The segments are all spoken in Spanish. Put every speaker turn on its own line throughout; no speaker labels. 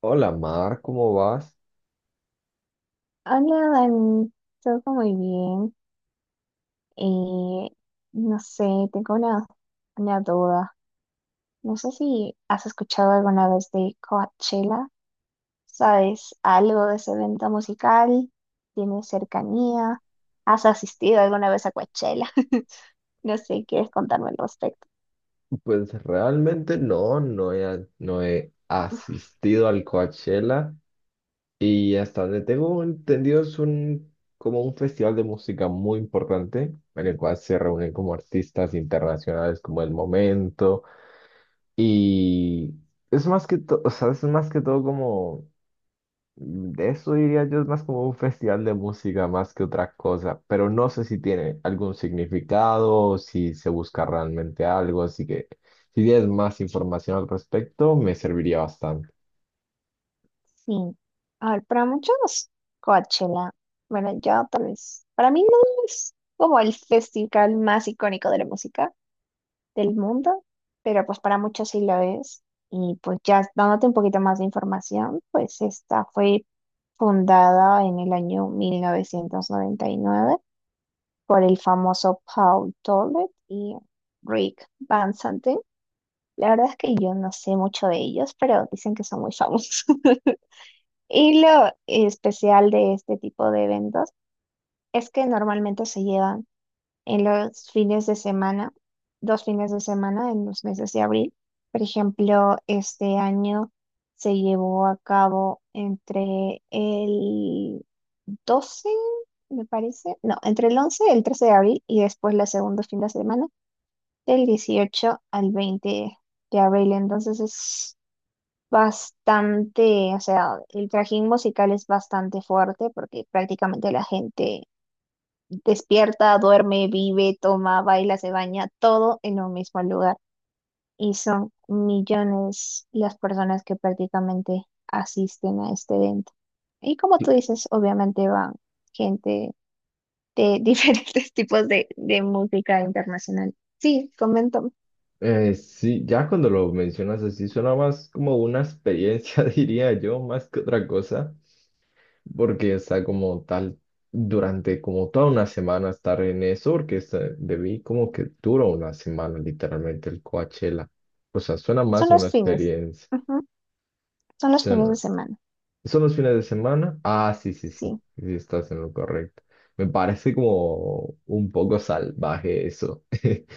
Hola Mar, ¿cómo vas?
Hola, Dani, todo muy bien. Eh, no sé, tengo una duda. No sé si has escuchado alguna vez de Coachella. ¿Sabes algo de ese evento musical? ¿Tienes cercanía? ¿Has asistido alguna vez a Coachella? No sé, ¿quieres contarme al respecto?
Pues realmente no he asistido al Coachella y hasta donde tengo entendido es como un festival de música muy importante en el cual se reúnen como artistas internacionales como El Momento y es más que todo, o sea, es más que todo como. De eso diría yo es más como un festival de música más que otra cosa, pero no sé si tiene algún significado o si se busca realmente algo, así que si tienes más información al respecto, me serviría bastante.
Sí. A ver, para muchos, Coachella, bueno, yo tal vez, para mí no es como el festival más icónico de la música del mundo, pero pues para muchos sí lo es. Y pues ya dándote un poquito más de información, pues esta fue fundada en el año 1999 por el famoso Paul Tollett y Rick Van Santen. La verdad es que yo no sé mucho de ellos, pero dicen que son muy famosos. Y lo especial de este tipo de eventos es que normalmente se llevan en los fines de semana, dos fines de semana en los meses de abril. Por ejemplo, este año se llevó a cabo entre el 12, me parece, no, entre el 11 el 13 de abril, y después la segunda fin de semana del 18 al 20 de abril. Entonces es bastante, o sea, el trajín musical es bastante fuerte porque prácticamente la gente despierta, duerme, vive, toma, baila, se baña, todo en un mismo lugar. Y son millones las personas que prácticamente asisten a este evento. Y como tú dices, obviamente van gente de diferentes tipos de música internacional. Sí, comento.
Sí, ya cuando lo mencionas así, suena más como una experiencia, diría yo, más que otra cosa. Porque está como tal durante como toda una semana estar en eso, porque debí como que dura una semana literalmente el Coachella. O sea, suena
Son
más una
los fines.
experiencia.
Ujú. Son los fines de
Suena-
semana.
¿Son los fines de semana? Ah, sí, sí, sí,
Sí.
sí, estás en lo correcto. Me parece como un poco salvaje eso.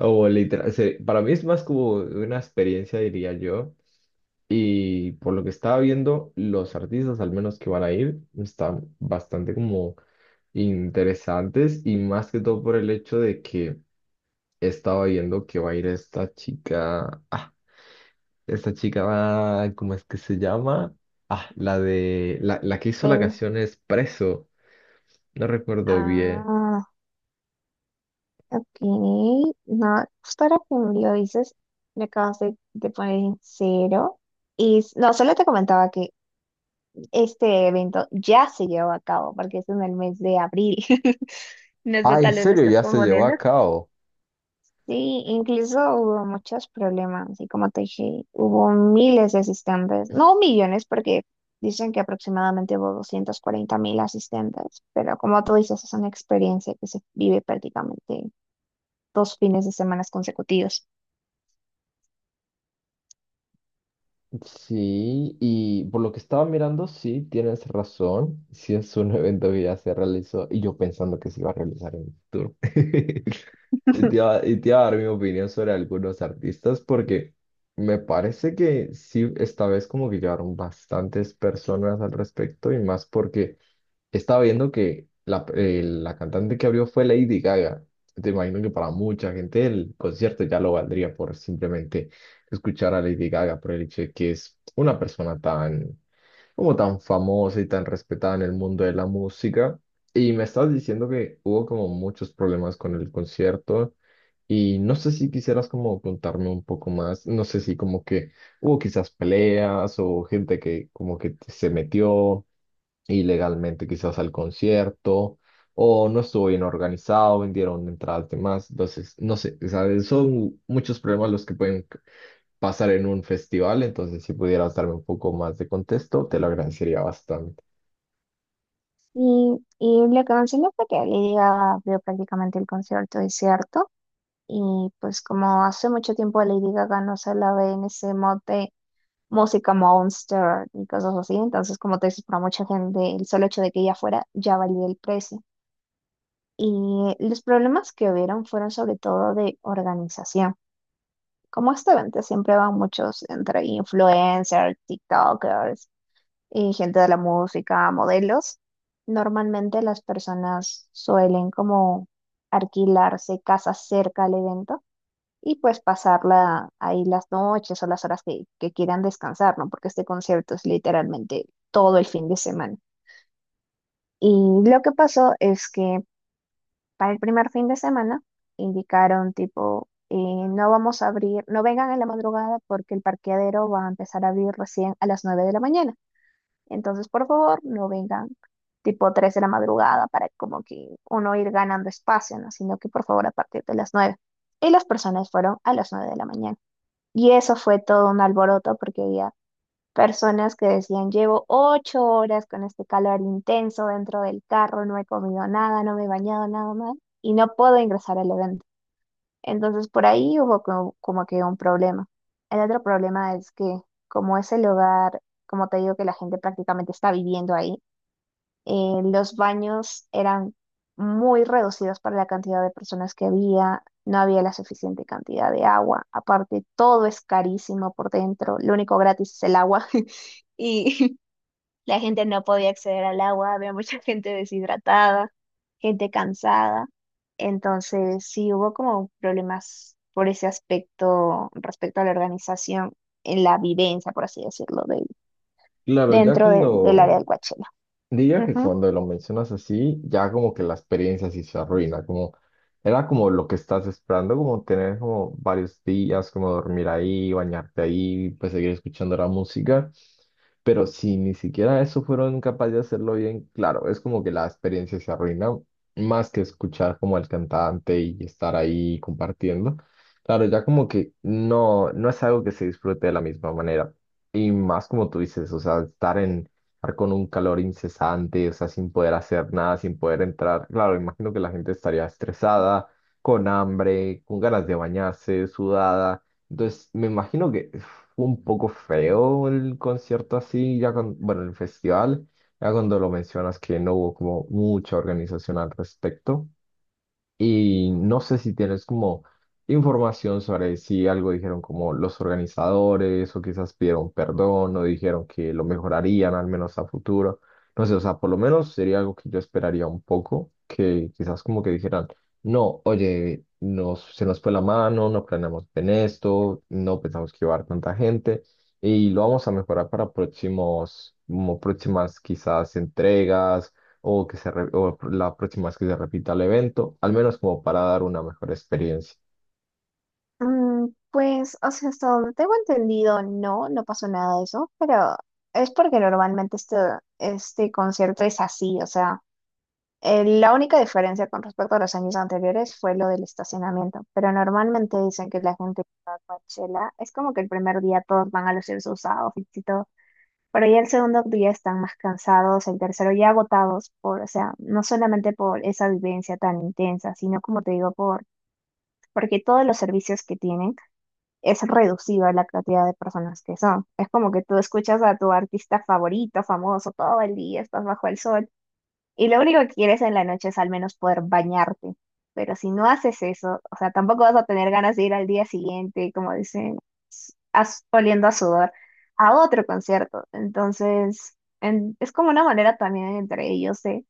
O literal, para mí es más como una experiencia, diría yo. Y por lo que estaba viendo, los artistas, al menos que van a ir, están bastante como interesantes y más que todo por el hecho de que estaba viendo que va a ir esta chica, ah, esta chica va, ¿cómo es que se llama? Ah, la que hizo la
Ve-
canción es Preso, no recuerdo bien.
Ah, ok, no, justo ahora que me lo dices, me acabas de poner en cero. No, solo te comentaba que este evento ya se llevó a cabo porque es en el mes de abril. No sé,
Ah, ¿en
tal vez lo
serio?
estás
Ya se llevó
confundiendo.
a cabo.
Sí, incluso hubo muchos problemas y como te dije, hubo miles de asistentes, no millones, porque dicen que aproximadamente hubo 240.000 asistentes, pero como tú dices, es una experiencia que se vive prácticamente dos fines de semana consecutivos.
Sí, y por lo que estaba mirando, sí, tienes razón. Sí es un evento que ya se realizó y yo pensando que se iba a realizar en el futuro. Y te iba, y te iba a dar mi opinión sobre algunos artistas porque me parece que sí, esta vez como que llegaron bastantes personas al respecto y más porque estaba viendo que la cantante que abrió fue Lady Gaga. Te imagino que para mucha gente el concierto ya lo valdría por simplemente escuchar a Lady Gaga, por el hecho de que es una persona tan, como tan famosa y tan respetada en el mundo de la música. Y me estabas diciendo que hubo como muchos problemas con el concierto. Y no sé si quisieras como contarme un poco más, no sé si como que hubo quizás peleas o gente que como que se metió ilegalmente quizás al concierto o no estuvo bien organizado, vendieron entradas de más. Entonces, no sé, o sea, son muchos problemas los que pasar en un festival, entonces si pudieras darme un poco más de contexto, te lo agradecería bastante.
Y lo que mencionó fue que Lady Gaga abrió prácticamente el concierto, es cierto. Y pues, como hace mucho tiempo a Lady Gaga no se la ve en ese mod de música monster y cosas así, entonces como te dices, para mucha gente el solo hecho de que ella fuera ya valía el precio. Y los problemas que hubieron fueron sobre todo de organización. Como este evento siempre van muchos entre influencers, TikTokers y gente de la música, modelos, normalmente las personas suelen como alquilarse casas cerca al evento y pues pasarla ahí las noches o las horas que quieran descansar, ¿no? Porque este concierto es literalmente todo el fin de semana. Y lo que pasó es que para el primer fin de semana indicaron tipo, no vamos a abrir, no vengan en la madrugada porque el parqueadero va a empezar a abrir recién a las 9 de la mañana. Entonces, por favor, no vengan tipo 3 de la madrugada para como que uno ir ganando espacio, ¿no? Sino que, por favor, a partir de las 9. Y las personas fueron a las 9 de la mañana. Y eso fue todo un alboroto porque había personas que decían, llevo 8 horas con este calor intenso dentro del carro, no he comido nada, no me he bañado nada más y no puedo ingresar al evento. Entonces por ahí hubo como que un problema. El otro problema es que como es el hogar, como te digo que la gente prácticamente está viviendo ahí, los baños eran muy reducidos para la cantidad de personas que había, no había la suficiente cantidad de agua. Aparte, todo es carísimo por dentro, lo único gratis es el agua y la gente no podía acceder al agua, había mucha gente deshidratada, gente cansada. Entonces, sí hubo como problemas por ese aspecto respecto a la organización en la vivencia, por así decirlo,
Claro, ya
dentro del área del
cuando,
Coachella.
diría que cuando lo mencionas así, ya como que la experiencia sí se arruina, como era como lo que estás esperando, como tener como varios días, como dormir ahí, bañarte ahí, pues seguir escuchando la música. Pero si ni siquiera eso fueron capaces de hacerlo bien, claro, es como que la experiencia se arruina, más que escuchar como al cantante y estar ahí compartiendo. Claro, ya como que no, no es algo que se disfrute de la misma manera. Y más como tú dices, o sea, estar con un calor incesante, o sea, sin poder hacer nada, sin poder entrar. Claro, imagino que la gente estaría estresada, con hambre, con ganas de bañarse, sudada. Entonces, me imagino que fue un poco feo el concierto así, ya con, bueno, el festival, ya cuando lo mencionas que no hubo como mucha organización al respecto. Y no sé si tienes como información sobre si algo dijeron como los organizadores o quizás pidieron perdón o dijeron que lo mejorarían al menos a futuro. No sé, o sea, por lo menos sería algo que yo esperaría un poco, que quizás como que dijeran, no, oye, se nos fue la mano, no planeamos en esto, no pensamos que iba a haber tanta gente y lo vamos a mejorar para próximos, como próximas quizás entregas o o la próxima vez que se repita el evento, al menos como para dar una mejor experiencia.
Mm, pues, o sea, hasta donde tengo entendido, no, no pasó nada de eso, pero es porque normalmente este concierto es así, o sea, la única diferencia con respecto a los años anteriores fue lo del estacionamiento, pero normalmente dicen que la gente que va a Coachella es como que el primer día todos van a lucir sus outfits y todo, pero ya el segundo día están más cansados, el tercero ya agotados por, o sea, no solamente por esa vivencia tan intensa, sino, como te digo, porque todos los servicios que tienen es reducida la cantidad de personas que son. Es como que tú escuchas a tu artista favorito, famoso, todo el día, estás bajo el sol, y lo único que quieres en la noche es al menos poder bañarte. Pero si no haces eso, o sea, tampoco vas a tener ganas de ir al día siguiente, como dicen, oliendo a sudor, a otro concierto. Entonces, es como una manera también entre ellos de,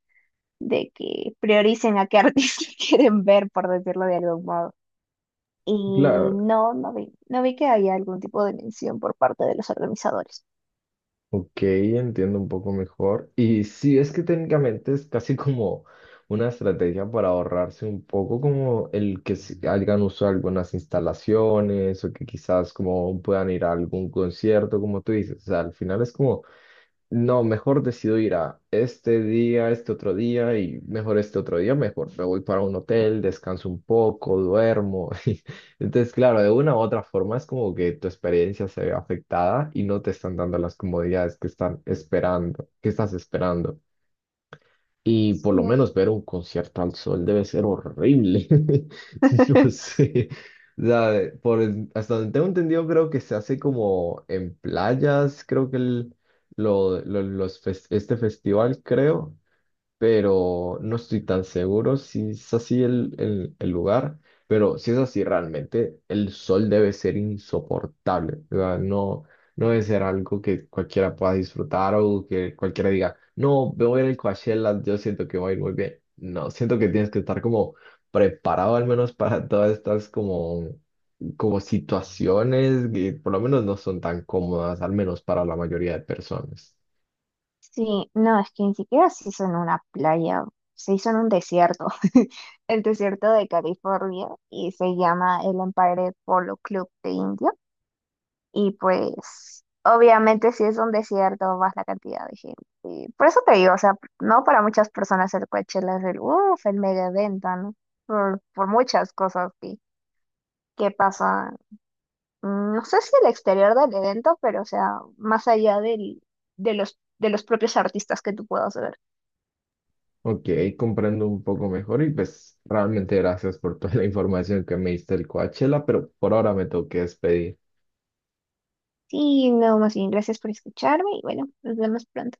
de que prioricen a qué artista quieren ver, por decirlo de algún modo. Y
Claro,
no, no vi que había algún tipo de mención por parte de los organizadores.
ok, entiendo un poco mejor. Y sí, es que técnicamente es casi como una estrategia para ahorrarse un poco como el que se hagan uso de algunas instalaciones o que quizás como puedan ir a algún concierto, como tú dices. O sea, al final es como no, mejor decido ir a este día, este otro día y mejor este otro día, mejor. Me voy para un hotel, descanso un poco, duermo. Entonces, claro, de una u otra forma es como que tu experiencia se ve afectada y no te están dando las comodidades que que estás esperando. Y por lo
No.
menos ver un concierto al sol debe ser horrible. No sé. O sea, hasta donde tengo entendido, creo que se hace como en playas, creo que el, lo- los fes- este festival, creo, pero no estoy tan seguro si es así el lugar, pero si es así realmente, el sol debe ser insoportable, o sea, no, no debe ser algo que cualquiera pueda disfrutar o que cualquiera diga, no, me voy a ir al Coachella, yo siento que voy a ir muy bien. No, siento que tienes que estar como preparado al menos para todas estas como situaciones que por lo menos no son tan cómodas, al menos para la mayoría de personas.
Sí, no, es que ni siquiera se hizo en una playa, se hizo en un desierto, el desierto de California, y se llama el Empire Polo Club de India. Y pues, obviamente, si es un desierto, más la cantidad de gente. Y por eso te digo, o sea, no, para muchas personas el Coachella es el, uff, el mega evento, ¿no? Por muchas cosas que pasan, no sé si el exterior del evento, pero, o sea, más allá de los propios artistas que tú puedas ver.
Ok, comprendo un poco mejor y pues realmente gracias por toda la información que me diste del Coachella, pero por ahora me tengo que despedir.
Sí, no, más bien, gracias por escucharme y bueno, nos vemos pronto.